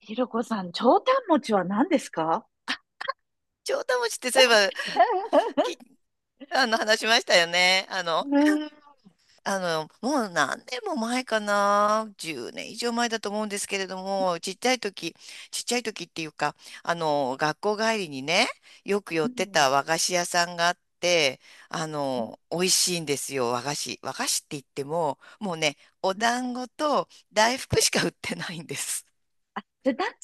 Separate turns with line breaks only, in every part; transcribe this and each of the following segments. ひろこさん、長短餅は何ですか？
城下町ってそういえば、き、あの、話しましたよね。
うーん。
もう何年も前かな。10年以上前だと思うんですけれども、ちっちゃい時っていうか、学校帰りにね、よく寄
う
ってた
ん
和菓子屋さんがあって、
うん。
美味しいんですよ、和菓子。和菓子って言っても、もうね、お団子と大福しか売ってないんです。
あ、じゃあ、なんか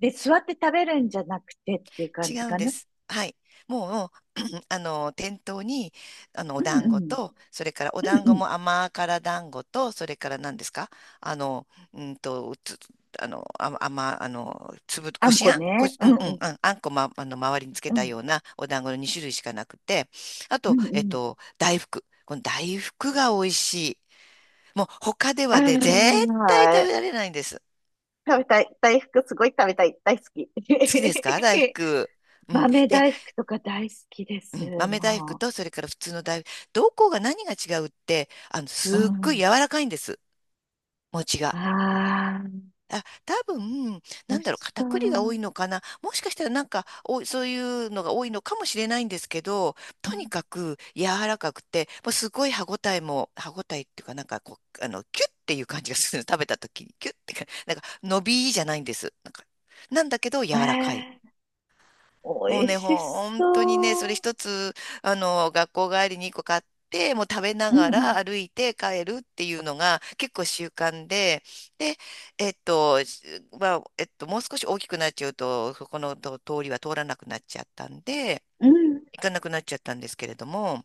で座って食べるんじゃなくてっていう感
違
じ
うん
か
で
な。
す。はい。もう、あの店頭に、あの
う
お
ん
団
う
子
ん。
と、それからお団
うん
子
うん。
も甘辛団子と、それから何ですか？あのうんとつあのあ甘あの粒
あ
こ
ん
し
こ
あんこ
ね。
し、
う
う
ん
んうんう
うん。
ん、あんこ、ま、あの周りにつけ
う
た
ん。
ようなお団子の2種類しかなくて、あ
う
と、
んうん。
この大福が美味しい。もう他ではね絶
あ
対食べ
あ、
られないんです。
食べたい。大福すごい食べたい。大好き。
好きですか、大 福？うん、
豆
で、
大福とか大好きで
う
す。
ん、豆大福
も
とそれから普通の大福、どこが何が違うって、
う。う
すっごい柔
ん。
らかいんです、餅が。
ああ、
あ、多分、
美
な
味
ん
し
だろう、
そ
片栗が多
う。
いのかな。もしかしたらなんか、そういうのが多いのかもしれないんですけど、
う
とに
ん、
かく柔らかくて、もうすごい歯ごたえっていうか、なんかこう、キュッっていう感じがするの。食べた時に、キュッってか、なんか、伸びじゃないんです。なんか、なんだけど柔らかい。
えー、
も
美
う
味
ね、
し
ほんとにね、それ
そう。
一つ、学校帰りに一個買って、もう食べな
うん
が
う
ら
ん
歩いて帰るっていうのが結構習慣で、で、えっと、しまあ、えっと、もう少し大きくなっちゃうと、そこの通りは通らなくなっちゃったんで、
うん。
行かなくなっちゃったんですけれども、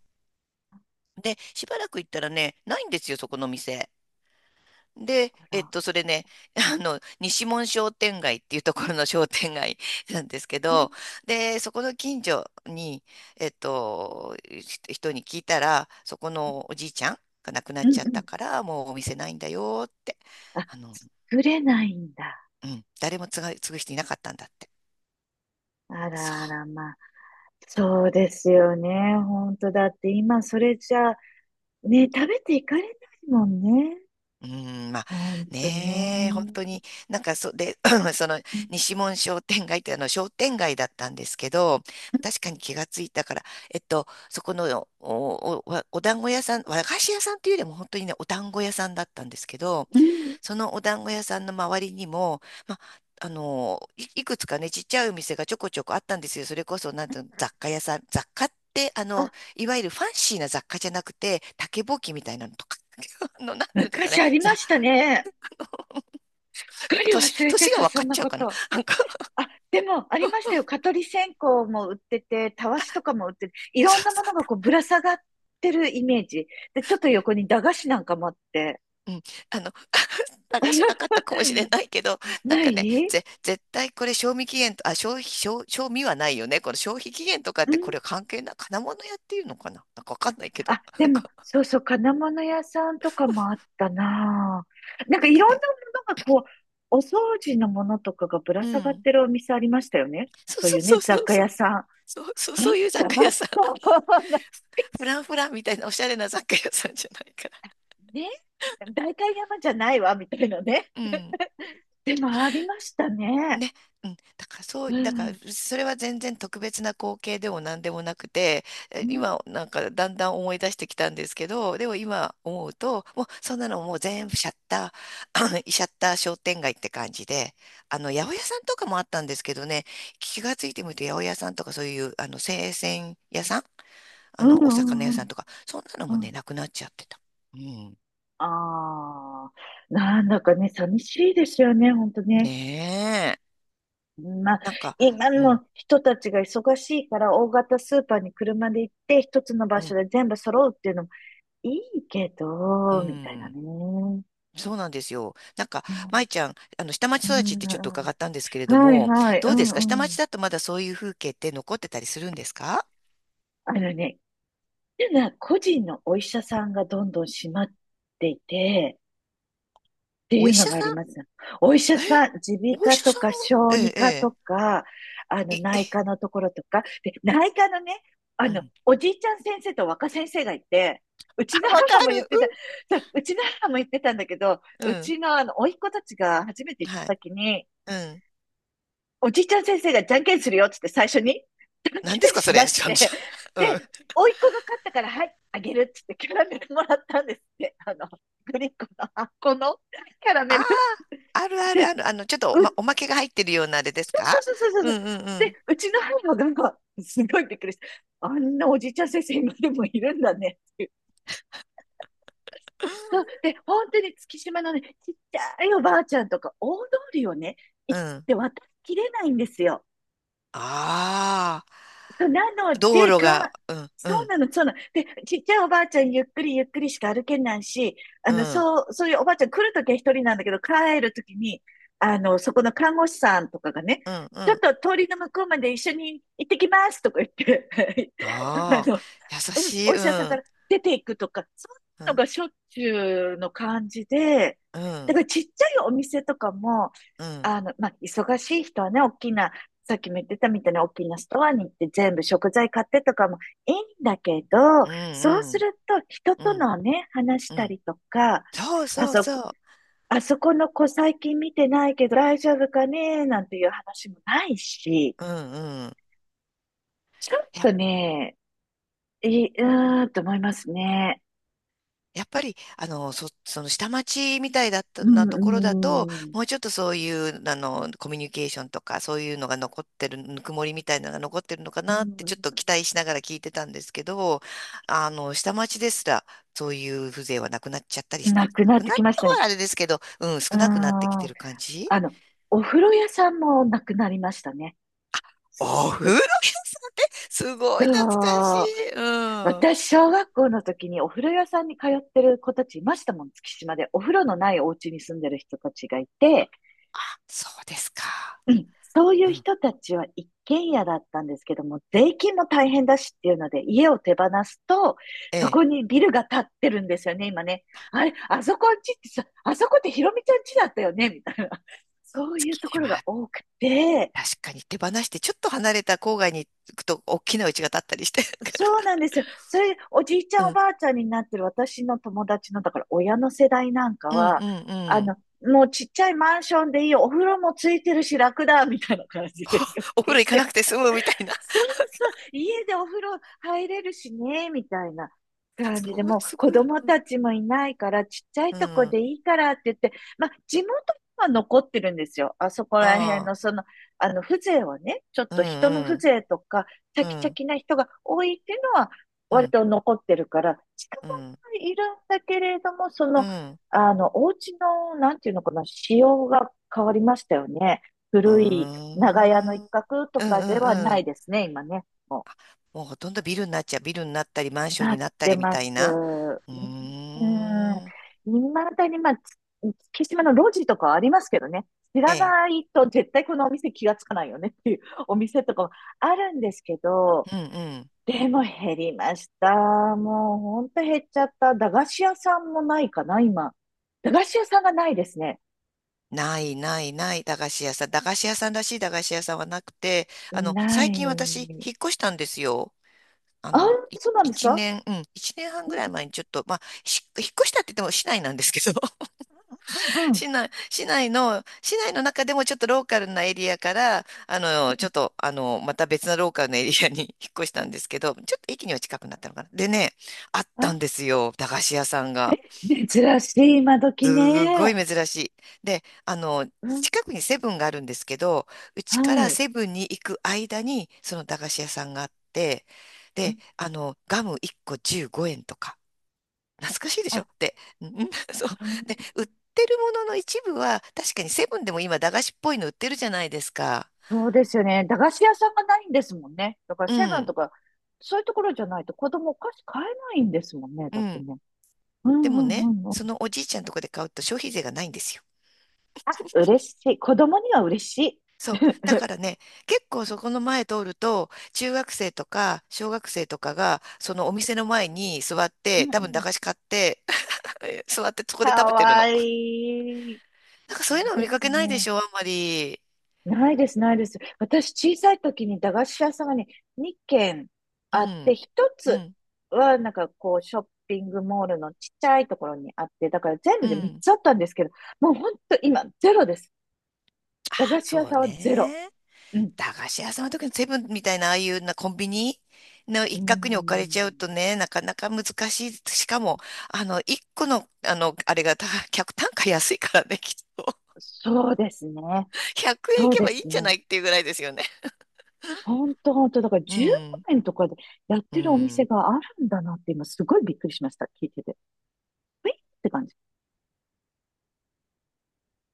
で、しばらく行ったらね、ないんですよ、そこの店。で、
あら。
それね、西門商店街っていうところの商店街なんですけ
うん
ど、で、そこの近所に、人に聞いたら、そこのおじいちゃんが亡くな
う
っ
ん
ちゃっ
う
た
ん。
から、もうお店ないんだよって、
あ、
あの、
触れないんだ。
うん、誰も継ぐ人いなかったんだって。
あ
そ
らあ
う。
ら、まあ。そうですよね。本当だって今それじゃ、ね、食べていかれないもんね。
うーん、まあ
本当ね。
ねえ、本当
う
に、なんかで、その
ん
西門商店街ってあの商店街だったんですけど、確かに気がついたから、そこのお団子屋さん、和菓子屋さんっていうよりも本当にね、お団子屋さんだったんですけど、
うん。
そのお団子屋さんの周りにも、まあ、いくつかね、ちっちゃいお店がちょこちょこあったんですよ。それこそ、なんていうの、雑貨屋さん、雑貨って、
あ、
いわゆるファンシーな雑貨じゃなくて、竹ぼうきみたいなのとか、なんていうんですか
昔
ね、
ありましたね。すっ
なん
か
か
り忘れ
年
て
が
た、
分
そ
かっ
んな
ちゃう
こ
かな。
と。
なんか
あ、でも、あ
そ
り
う
ましたよ。蚊取り線香も売ってて、たわしとかも売ってて、いろんなもの
そ
がこうぶら下がってるイメージ。で、ちょっと横に駄菓子なんかもあって。
う、うん、あの、流しなかっ たかもしれないけど、なん
な
かね、
い。
絶対これ賞味期限と、あ、消費、賞味はないよね。この消費期限とかっ
う
て
ん。
これ関係ない、金物屋っていうのかな、なんかわかんないけど。
あ、で
なん
も、
か、
そうそう、金物屋さんとかもあったなぁ。なんか
なん
い
か
ろん
ね、
なものがこう、お掃除のものとかがぶら
う
下がっ
ん。
てるお店ありましたよね。
そう
そう
そ
い
う
うね、
そう
雑
そう
貨
そう。
屋さん。あっ
そうそう、そういう雑
た、あっ
貨
た。
屋さん。フランフランみたいなおしゃれな雑貨屋さんじゃないから。
ね。代官山じゃないわ、みたいなね。
うん。
でもありましたね。
ね、うん、だからそ
う
う、だから
ん。
それは全然特別な光景でも何でもなくて、
うん。
今なんかだんだん思い出してきたんですけど、でも今思うと、もうそんなのもう全部シャッター、シャッター商店街って感じで、八百屋さんとかもあったんですけどね、気がついてみると八百屋さんとかそういう、生鮮屋さん、
うんう
お魚屋
んう
さ
ん。
んとか、そんなの
う
もね、
ん。
なくなっちゃってた。うん。
ああ。なんだかね、寂しいですよね、ほんとね。
ねえ。
まあ、
なんか、
今
うん、
の人たちが忙しいから大型スーパーに車で行って一つの場
う
所
ん、
で全部揃うっていうのもいいけ
う
ど、みたいな
ん。
ね。う
そうなんですよ。なんか、
ん
舞ちゃん、下町
う
育ちっ
ん。
てちょっと伺ったんですけれど
はい
も、
はい、う
どうですか、
ん
下
うん。
町だとまだそういう風景って残ってたりするんですか？
あのね、っていうのは個人のお医者さんがどんどん閉まっていて、ってい
お医
うの
者
があ
さ
り
ん
ます。お医者
え
さん、耳
お医
鼻科
者
と
さん
か
も
小
ええ、
児科
え
とか、
え、いえ、
内科のところとか、で、内科のね、
うん。
おじいちゃん先生と若先生がいて、う ちの
あ、わか
母も言ってた、
る。
そう、うちの母も言ってたんだけど、
うん。
う
うん。
ちの甥っ子たちが初めて行っ
は
た
い。
時に、
うん。
おじいちゃん先生がじゃんけんするよっつって最初に、じゃん
何で
け
す
ん
かそ
し
れ。
だ
ち
し
ょ、
て、
ちょ、うん。あ
で、甥っ子が勝ったから、はい、あげるっつってキャラメルもらったんですって。グリコの、あっこのキャラメ
あ、
ル。
あるあるある。ちょっと
う、
おまけが入ってるようなあれです
そうそう
か？
そうそうそうそ
う
う。
んうんう
で、
ん。
うちの母が、すごいびっくりした。あんなおじいちゃん先生今でもいるんだねっていう。そう。で、本当に月島のね、ちっちゃいおばあちゃんとか、大通りをね、
う
行っ
ん。
て渡りきれないんですよ。
ああ、
そうなの
道
で、
路
か、
が、うん、う
そう
ん、
なの、そうなの。で、ちっちゃいおばあちゃん、ゆっくりゆっくりしか歩けないし、
うん、
そういうおばあちゃん来るときは一人なんだけど、帰るときに、そこの看護師さんとかがね、
うん、う
ちょっ
ん、
と通りの向こうまで一緒に行ってきますとか言って、あ
ああ、
の、
優
うん、
しい、
お医
う
者さんか
ん、
ら出ていくとか、そうい
う
うの
ん、
がしょっちゅうの感じで、
う
だ
ん、
からちっちゃいお店とかも、
うん、
まあ、忙しい人はね、大きな、さっきも言ってたみたいな大きなストアに行って全部食材買ってとかもいいんだけど、
う
そうす
ん、
ると人
う
と
ん、
のね、話し
う
た
ん。
りとか、
そう
あ
そう
そこ、
そ
あそこの子最近見てないけど大丈夫かねなんていう話もないし、
う、うん、うん。
ちょっ
や、
とね、いい、うーんと思いますね。
やっぱり、その下町みたいだった
う
な
ん、
ところだと、
うん、
もうちょっとそういう、コミュニケーションとか、そういうのが残ってる、ぬくもりみたいなのが残ってるのか
う
なって、ちょっと
ん、
期待しながら聞いてたんですけど、下町ですら、そういう風情はなくなっちゃったりし、
なく
な
なっ
く
て
なっ
きまし
た
たね。
はあれですけど、うん、
うー
少なくなってきて
ん、
る感じ。
あの、お風呂屋さんもなくなりましたね。
お風呂
そ
屋さん、すごい懐かし
う。
い。うん。
私、小学校の時にお風呂屋さんに通ってる子たちいましたもん、月島で。お風呂のないお家に住んでる人たちがいて、
そうですか。
うん、そうい
う
う
ん。
人たちは一軒家だったんですけども、税金も大変だしっていうので、家を手放すと、
え
そ
え。
こにビルが建ってるんですよね、今ね。あれ、あそこんちってさ、あそこってひろみちゃんちだったよね、みたいな。そういうところ
ま
が
あ、
多くて、
確かに手放して、ちょっと離れた郊外に行くと、大きな家が建ったりして。
そ うなんですよ。それ、おじいちゃ
う
んお
ん。
ばあちゃんになってる私の友達の、だから親の世代なんか
うん
は、
うんうん。
もうちっちゃいマンションでいいよ、お風呂もついてるし楽だ、みたいな感じで言っ
お
て
風呂
い
行かな
て、
くて済むみたいな。
そうそう、家でお風呂入れるしね、みたいな感
そ
じで、
れ
もう
す
子
ごい。
供たちもいないから、ちっちゃい
う
とこ
ん。
でいいからって言って、まあ、地元は残ってるんですよ。あそこら辺
ああ。
の、その、風情はね、ちょっ
うん
と人の風情とか、チャ
う
キ
ん。
チ
う
ャ
ん。
キな人が多いっていうのは、
う
割
ん。
と残ってるから、近
う
場
ん。
にいるんだけれども、
うん。
お家の、なんていうのかな、仕様が変わりましたよね。
うー
古い長屋の一
ん。うん
角と
う
かでは
ん
な
うん。
いですね、今ね。も
もうほとんどビルになっちゃう。ビルになったり、マン
う、
ション
な
に
っ
なった
て
りみ
ま
たい
す。
な。
う
う
ん。
ーん。
未だに、まあ、月島の路地とかはありますけどね。知
え
ら
え。
ないと絶対このお店気がつかないよねっていう お店とかもあるんですけど、
うんうん。
でも減りました。もうほんと減っちゃった。駄菓子屋さんもないかな、今。駄菓子屋さんがないですね。
ないないない、駄菓子屋さん。駄菓子屋さんらしい駄菓子屋さんはなくて、
な
最近私、
い。
引っ越したんですよ。
あ、そうなんです
一
か？
年、うん、一年半
う
ぐらい前
ん
にちょっと、まあ、引っ越したって言っても市内なんですけど、
うんうん。
市内の中でもちょっとローカルなエリアから、ちょっと、
う
また別のローカルなエリアに 引っ越したんですけど、ちょっと駅には近くなったのかな。でね、あったんで
ん。
すよ、駄菓子屋さんが。
珍しい、今時
すごい
ね。
珍しい。で、
うん、
近くにセブンがあるんですけど、う
は
ちから
い。
セブンに行く間に、その駄菓子屋さんがあって、
うん、
で、ガム1個15円とか、懐かしいでし
あ、
ょ？で、ん。 そう。
う
で、
ん。
売ってるものの一部は、確かにセブンでも今、駄菓子っぽいの売ってるじゃないですか。
そうですよね。駄菓子屋さんがないんですもんね。だから
う
セブン
ん、
とか、そういうところじゃないと子供お菓子買えないんですもんね。
う
だって
ん。
ね。うん
でも
うんう
ね、
んう
そ
ん。
のおじいちゃんとこで買うと消費税がないんですよ。
あ、嬉しい。子供には嬉しい。
そう。だか らね、結構そこの前通ると、中学生とか小学生とかが、そのお店の前に座っ
う
て、
ん
多分
う
駄
ん。
菓子買って、座ってそ こで
か
食べてる
わ
の。
いい。い
なんかそういう
い
のを見
で
か
す
けないで
ね。
しょ、あんまり。
ないです、ないです。私、小さい時に駄菓子屋さんがね、2軒
う
あって、
ん、
1
う
つ
ん、
は、なんかこう、ショッピングモールのちっちゃいところにあって、だから全部
う
で3
ん。
つあったんですけど、もうほんと今、ゼロです。
あ
駄菓子屋
そ
さ
う
んはゼロ。
ね。
うん。
駄菓子屋さんの時のセブンみたいな、ああいうなコンビニの
うー
一角に置かれちゃう
ん。
とね、なかなか難しい。しかも、一個の、あれが、客単価安いからね、きっと。
そうですね。
100円い
そう
け
で
ばいい
す
んじゃ
ね。
ないっていうぐらいですよね。
ほんとほんと、だから
う
15
ん、
円とかでやっ
う
てるお店
ん。
があるんだなって今、すごいびっくりしました。聞いてて。えって感じ。